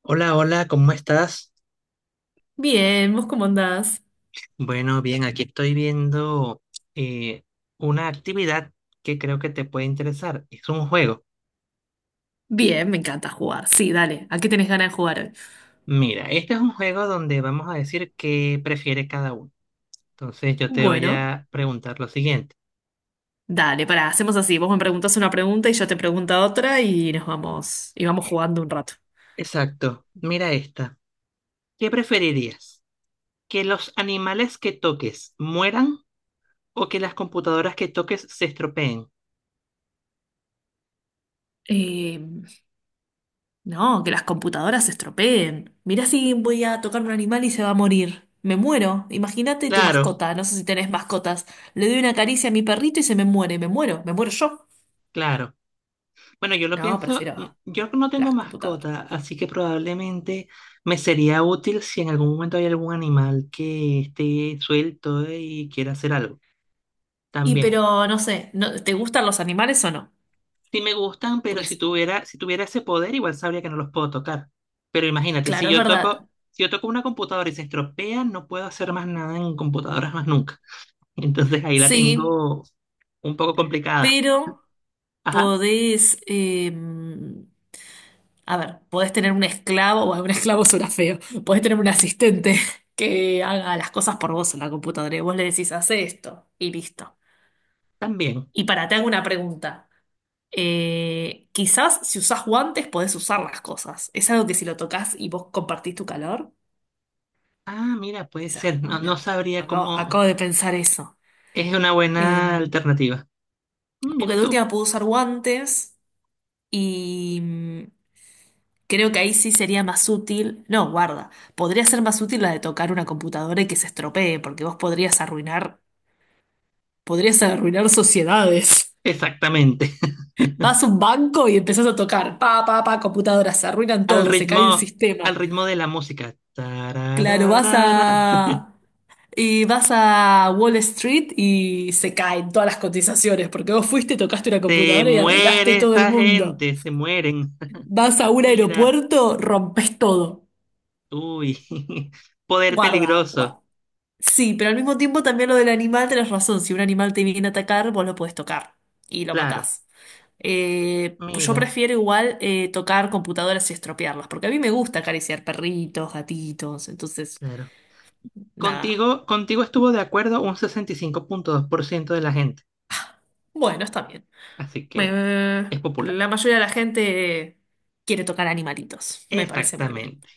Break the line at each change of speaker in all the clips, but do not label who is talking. Hola, hola, ¿cómo estás?
Bien, ¿vos cómo andás?
Bueno, bien, aquí estoy viendo eh, una actividad que creo que te puede interesar. Es un juego.
Bien, me encanta jugar. Sí, dale. ¿A qué tenés ganas de jugar hoy?
Mira, este es un juego donde vamos a decir qué prefiere cada uno. Entonces yo te voy
Bueno,
a preguntar lo siguiente.
dale, pará, hacemos así. Vos me preguntás una pregunta y yo te pregunto otra y nos vamos, y vamos jugando un rato.
Exacto, mira esta. ¿Qué preferirías? ¿Que los animales que toques mueran o que las computadoras que toques se estropeen?
Eh, no, que las computadoras se estropeen. Mirá si voy a tocar un animal y se va a morir. Me muero. Imagínate tu
Claro,
mascota. No sé si tenés mascotas. Le doy una caricia a mi perrito y se me muere. Me muero. Me muero yo.
claro. Bueno, yo lo
No,
pienso.
prefiero
Yo no tengo
las computadoras.
mascota, así que probablemente me sería útil si en algún momento hay algún animal que esté suelto y quiera hacer algo.
Y
También.
pero, no sé, ¿te gustan los animales o no?
Sí me gustan, pero
Porque
si
s-
tuviera, si tuviera ese poder, igual sabría que no los puedo tocar. Pero imagínate, si
Claro, es
yo toco,
verdad.
si yo toco una computadora y se estropea, no puedo hacer más nada en computadoras más nunca. Entonces ahí la
Sí,
tengo un poco complicada.
pero
Ajá,
podés, a ver, podés tener un esclavo, bueno, un esclavo suena feo, podés tener un asistente que haga las cosas por vos en la computadora y vos le decís, hace esto y listo.
también.
Y para, te hago una pregunta. Quizás si usás guantes podés usar las cosas. ¿Es algo que si lo tocas y vos compartís tu calor?
Ah, mira, puede
Esa es
ser. No, no
buena.
sabría
Acabo,
cómo.
acabo de pensar eso.
Es una buena
Em,
alternativa. Mm,
porque
mira
de
tú.
última puedo usar guantes. Y creo que ahí sí sería más útil. No, guarda. Podría ser más útil la de tocar una computadora y que se estropee, porque vos podrías arruinar sociedades.
Exactamente.
Vas a un banco y empezás a tocar. Pa, pa, pa, computadoras, se arruinan
Al
todo, se cae el
ritmo, al
sistema.
ritmo de la música.
Claro, vas
Tarararara.
a. Y vas a Wall Street y se caen todas las cotizaciones, porque vos fuiste, tocaste una
Se
computadora y arruinaste
muere
todo el
esa
mundo.
gente, se mueren.
Vas a un
Mira,
aeropuerto, rompes todo.
uy. Poder
Guarda,
peligroso.
guarda. Sí, pero al mismo tiempo también lo del animal, tenés razón. Si un animal te viene a atacar, vos lo podés tocar y lo
Claro.
matás. Pues yo
Mira,
prefiero igual tocar computadoras y estropearlas, porque a mí me gusta acariciar perritos, gatitos, entonces,
claro.
nada.
Contigo estuvo de acuerdo un 65,2% de la gente.
Bueno, está bien.
Así
Me-
que
me-
es popular.
la mayoría de la gente quiere tocar animalitos, me parece muy bien.
Exactamente.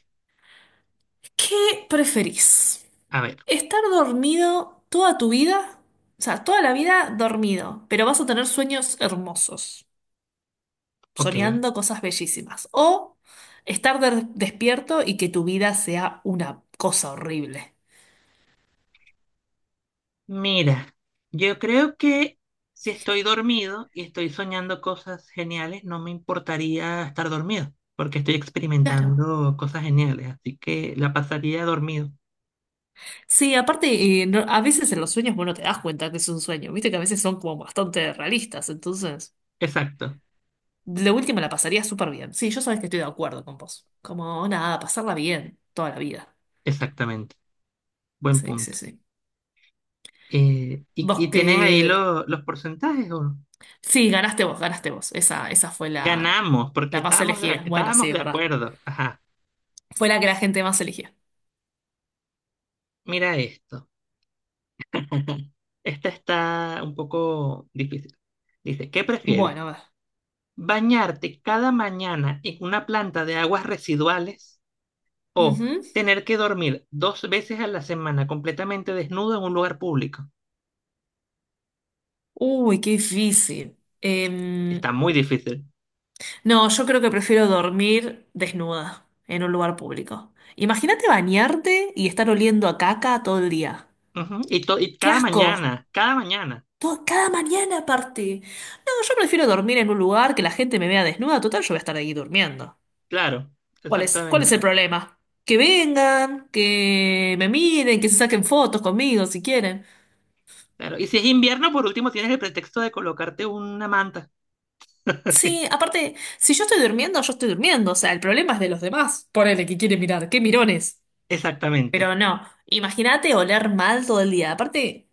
¿Qué preferís?
A ver,
¿Estar dormido toda tu vida? O sea, toda la vida dormido, pero vas a tener sueños hermosos,
ok.
soñando cosas bellísimas. O estar despierto y que tu vida sea una cosa horrible.
Mira, yo creo que si estoy dormido y estoy soñando cosas geniales, no me importaría estar dormido, porque estoy
Claro.
experimentando cosas geniales, así que la pasaría dormido.
Sí, aparte, a veces en los sueños vos no te das cuenta que es un sueño. Viste que a veces son como bastante realistas. Entonces,
Exacto,
lo último la pasaría súper bien. Sí, yo sabes que estoy de acuerdo con vos. Como nada, pasarla bien toda la vida.
exactamente. Buen
Sí, sí,
punto.
sí.
Y,
Vos
y
que...
tienen ahí los porcentajes, ¿o no?
Sí, ganaste vos, ganaste vos. Esa fue la,
Ganamos, porque
la más
estábamos de,
elegida. Bueno,
estábamos
sí, es
de
verdad.
acuerdo. Ajá,
Fue la que la gente más elegía.
mira esto. Esta está un poco difícil. Dice, ¿qué prefieres?
Bueno, a
Bañarte cada mañana en una planta de aguas residuales
ver.
o
Ujú.
tener que dormir dos veces a la semana completamente desnudo en un lugar público.
Uy, qué difícil. Em,
Está muy difícil.
no, yo creo que prefiero dormir desnuda en un lugar público. Imagínate bañarte y estar oliendo a caca todo el día.
Ujú, y, y
¡Qué
cada
asco!
mañana, cada mañana.
Todo, cada mañana aparte. No, yo prefiero dormir en un lugar que la gente me vea desnuda. Total, yo voy a estar ahí durmiendo.
Claro,
¿Cuál es
exactamente.
el problema? Que vengan, que me miren, que se saquen fotos conmigo si quieren.
Claro. Y si es invierno, por último, tienes el pretexto de colocarte una manta.
Sí, aparte, si yo estoy durmiendo, yo estoy durmiendo. O sea, el problema es de los demás. Ponele que quiere mirar. ¡Qué mirones!
Exactamente.
Pero no, imagínate oler mal todo el día. Aparte,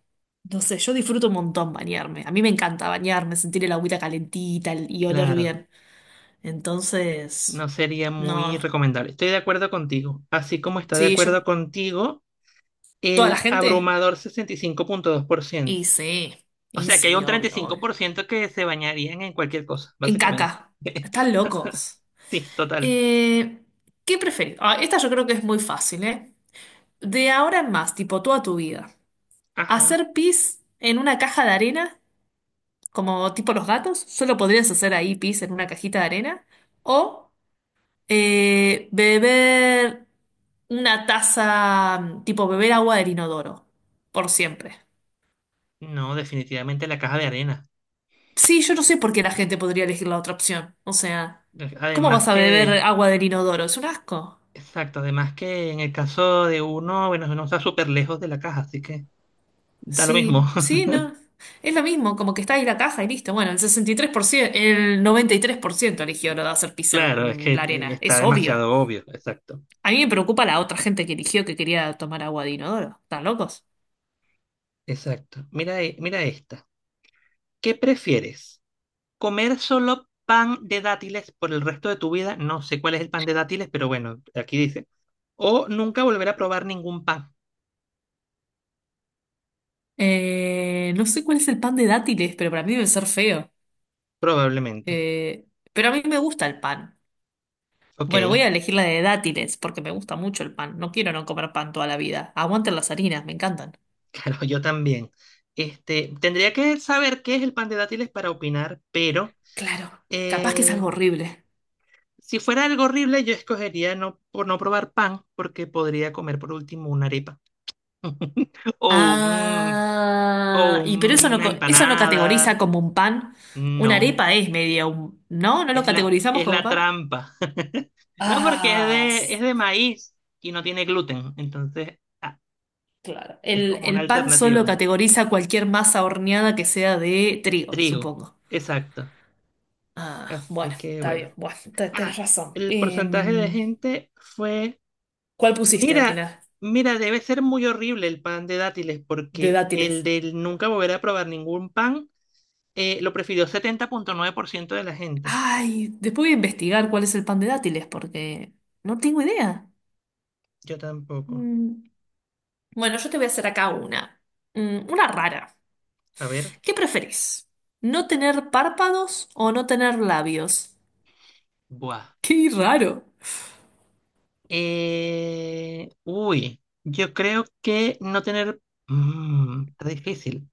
no sé, yo disfruto un montón bañarme. A mí me encanta bañarme, sentir el agüita calentita y oler
Claro.
bien. Entonces,
No sería muy
no,
recomendable. Estoy de acuerdo contigo. Así como está de
sí, yo,
acuerdo contigo
toda la
el
gente.
abrumador 65,2%.
Y sí,
O
y
sea que hay
sí,
un treinta y
obvio,
cinco
obvio.
por ciento que se bañarían en cualquier cosa,
En
básicamente.
caca, están locos.
Sí, total.
Eh, ¿qué preferís? Ah, esta yo creo que es muy fácil, ¿eh? De ahora en más, tipo toda tu vida.
Ajá.
¿Hacer pis en una caja de arena, como tipo los gatos? Solo podrías hacer ahí pis en una cajita de arena o beber una taza, tipo beber agua del inodoro, por siempre.
No, definitivamente la caja de arena.
Sí, yo no sé por qué la gente podría elegir la otra opción. O sea, ¿cómo
Además
vas a beber
que,
agua del inodoro? Es un asco.
exacto, además que en el caso de uno, bueno, uno está súper lejos de la caja, así que da lo mismo.
Sí, sí, no. Es lo mismo, como que está ahí la caja y listo. Bueno, el 63%, el 93% eligió lo de hacer pis
Claro, es que
en la arena.
está
Es obvio.
demasiado obvio, exacto.
A mí me preocupa la otra gente que eligió que quería tomar agua de inodoro. ¿Están locos?
Exacto. Mira, mira esta. ¿Qué prefieres? Comer solo pan de dátiles por el resto de tu vida, no sé cuál es el pan de dátiles, pero bueno, aquí dice. O nunca volver a probar ningún pan,
No sé cuál es el pan de dátiles, pero para mí debe ser feo.
probablemente.
Eh, pero a mí me gusta el pan.
Ok,
Bueno, voy a elegir la de dátiles porque me gusta mucho el pan. No quiero no comer pan toda la vida. Aguanten las harinas, me encantan.
claro, yo también. Este, tendría que saber qué es el pan de dátiles para opinar, pero
Claro, capaz que es
eh,
algo horrible.
si fuera algo horrible, yo escogería no, por no probar pan, porque podría comer por último una arepa. O o
Ah, y pero eso no,
una
eso no categoriza
empanada.
como un pan. Una
No.
arepa es media un... ¿No? ¿No lo
Es la,
categorizamos
es
como
la
pan?
trampa. No, porque es
Ah.
de, es de maíz y no tiene gluten. Entonces,
Claro.
es
El,
como una
el pan solo
alternativa.
categoriza cualquier masa horneada que sea de trigo,
Trigo.
supongo.
Exacto.
Ah, bueno,
Así que
está bien.
bueno.
Bueno, tenés
Ah,
razón.
el porcentaje de
Em,
gente fue.
¿cuál pusiste al
Mira,
final?
debe ser muy horrible el pan de dátiles,
De
porque el
dátiles.
del nunca volver a probar ningún pan lo prefirió 70,9% de la gente.
Ay, después voy a investigar cuál es el pan de dátiles porque no tengo idea.
Yo tampoco.
Mm, Bueno, yo te voy a hacer acá una. Una rara.
A ver.
¿Qué preferís? ¿No tener párpados o no tener labios?
Buah.
Qué raro.
Uy, yo creo que no tener... Mm, está difícil.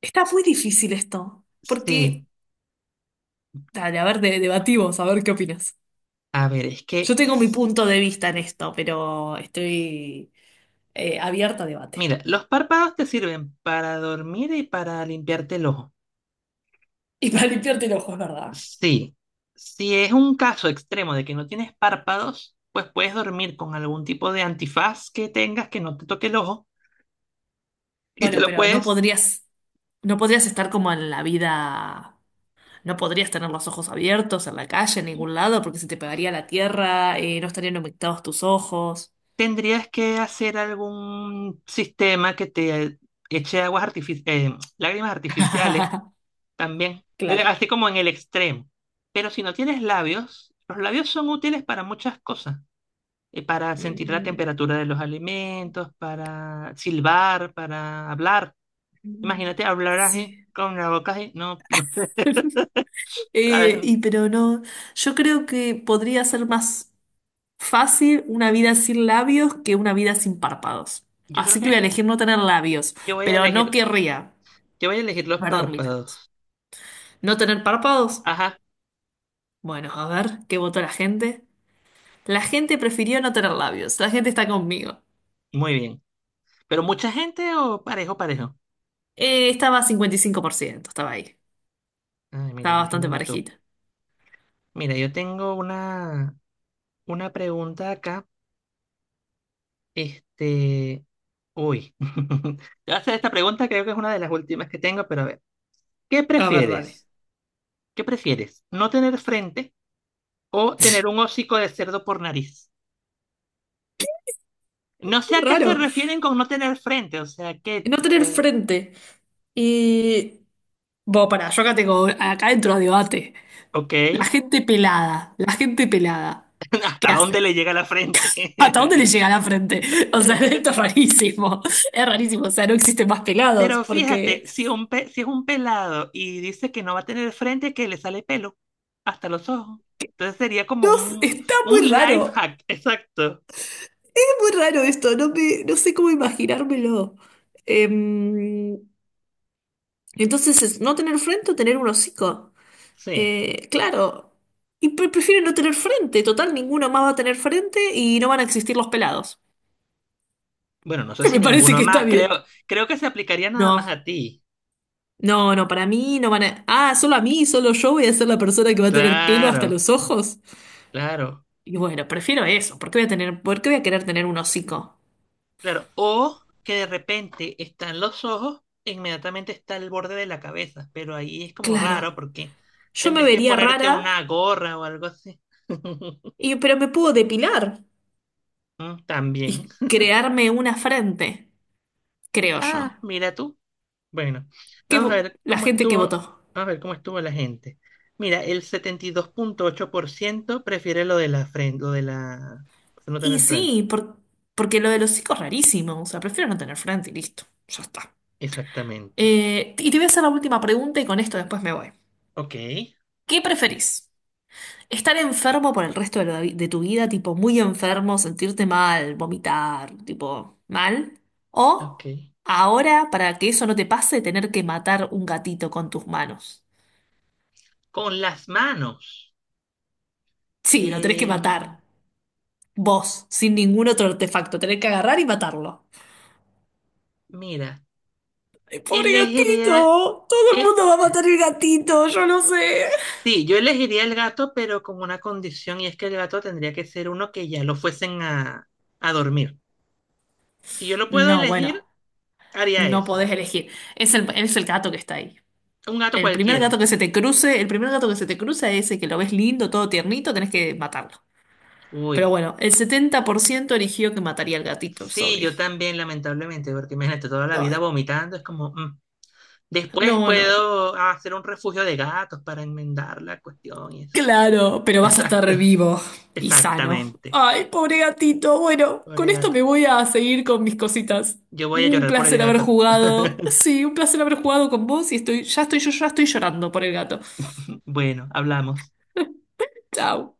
Está muy difícil esto, porque...
Sí,
Dale, a ver, debatimos, a ver qué opinas.
a ver, es
Yo
que...
tengo mi punto de vista en
sí,
esto, pero estoy abierta a debate.
mira, los párpados te sirven para dormir y para limpiarte el ojo.
Y para limpiarte el ojo, es verdad.
Sí, si es un caso extremo de que no tienes párpados, pues puedes dormir con algún tipo de antifaz que tengas que no te toque el ojo y te
Bueno,
lo
pero no
puedes...
podrías, no podrías estar como en la vida, no podrías tener los ojos abiertos en la calle, en ningún lado, porque se te pegaría la tierra, no estarían humectados tus ojos.
Tendrías que hacer algún sistema que te eche aguas lágrimas artificiales también,
Claro.
así como en el extremo. Pero si no tienes labios, los labios son útiles para muchas cosas, para sentir la
Mm,
temperatura de los alimentos, para silbar, para hablar. Imagínate hablar así
sí.
con la boca así, no, no. A
Eh,
ver,
y pero no, yo creo que podría ser más. Fácil una vida sin labios que una vida sin párpados.
yo creo
Así que voy a
que
elegir no tener labios,
yo voy a
pero no
elegir,
querría
yo voy a elegir los
perder mis labios.
párpados.
¿No tener párpados?
Ajá,
Bueno, a ver, ¿qué votó la gente? La gente prefirió no tener labios. La gente está conmigo.
muy bien. Pero mucha gente o parejo, parejo.
Estaba 55%, estaba ahí.
Ay, mira,
Estaba bastante
imagínate tú.
parejita.
Mira, yo tengo una pregunta acá. Este, uy, te voy a hacer esta pregunta, creo que es una de las últimas que tengo, pero a ver, ¿qué
A ver, dale.
prefieres? ¿Qué prefieres? ¿No tener frente o tener un hocico de cerdo por nariz? No sé a qué se
Raro.
refieren con no tener frente, o sea, que,
No tener
eh,
frente. Y... Bueno, pará, yo acá tengo... Acá dentro a debate.
ok,
La gente pelada. La gente pelada. ¿Qué
¿hasta dónde
hace?
le llega la frente?
¿Hasta dónde le llega la frente? O sea, esto es rarísimo. Es rarísimo. O sea, no existen más pelados
Pero
porque...
fíjate, si, si es un pelado y dice que no va a tener frente, que le sale pelo hasta los ojos. Entonces sería como
No, está
un
muy
life
raro.
hack, exacto.
Es muy raro esto. No sé cómo imaginármelo. Em, entonces, es no tener frente o tener un hocico.
Sí.
Claro. Y prefiero no tener frente. Total, ninguno más va a tener frente y no van a existir los pelados.
Bueno, no sé
Que
si
me parece
ninguno
que está
más,
bien.
creo que se aplicaría nada más a
No.
ti.
No, no, para mí no van a... Ah, solo a mí, solo yo voy a ser la persona que va a tener pelo hasta
Claro,
los ojos.
claro,
Y bueno, prefiero eso. ¿Por qué voy a tener, por qué voy a querer tener un hocico?
claro. O que de repente están los ojos, e inmediatamente está el borde de la cabeza, pero ahí es como
Claro,
raro porque
yo me
tendrías que
vería
ponerte
rara,
una gorra o algo así.
pero me puedo depilar
Mm, también.
y crearme una frente, creo
Ah,
yo.
mira tú. Bueno,
¿Qué vo- la gente que
vamos
votó?
a ver cómo estuvo la gente. Mira, el 72,8% prefiere lo de la frente, lo de la no
Y
tener frente.
sí, porque lo del hocico es rarísimo. O sea, prefiero no tener frente y listo. Ya está.
Exactamente.
Y te voy a hacer la última pregunta y con esto después me voy.
Ok,
¿Qué preferís? Estar enfermo por el resto de, de tu vida, tipo muy enfermo, sentirte mal, vomitar, tipo mal.
ok.
O ahora, para que eso no te pase, tener que matar un gatito con tus manos.
Con las manos.
Sí, lo tenés que
Em,
matar. Vos, sin ningún otro artefacto. Tenés que agarrar y matarlo.
mira,
¡Ay, pobre
elegiría,
gatito! Todo el
eh,
mundo va a matar el gatito, yo no sé.
sí, yo elegiría el gato, pero con una condición, y es que el gato tendría que ser uno que ya lo fuesen a dormir. Si yo lo puedo
No,
elegir,
bueno,
haría
no
eso.
podés elegir. Es el gato que está ahí.
Un gato
El primer gato
cualquiera.
que se te cruce, el primer gato que se te cruza es ese que lo ves lindo, todo tiernito, tenés que matarlo. Pero
Uy.
bueno, el 70% eligió que mataría al gatito, es
Sí,
obvio.
yo también, lamentablemente, porque imagínate toda la vida
Ay,
vomitando, es como, mm. Después
no, no.
puedo hacer un refugio de gatos para enmendar la cuestión y eso.
Claro, pero vas a
Exacto,
estar vivo y sano.
exactamente.
Ay, pobre gatito. Bueno, con
Pobre
esto
gato.
me voy a seguir con mis cositas.
Yo voy a
Un
llorar por el
placer haber
gato.
jugado. Sí, un placer haber jugado con vos y estoy, ya estoy, yo ya estoy llorando por el gato.
Bueno, hablamos.
Chao.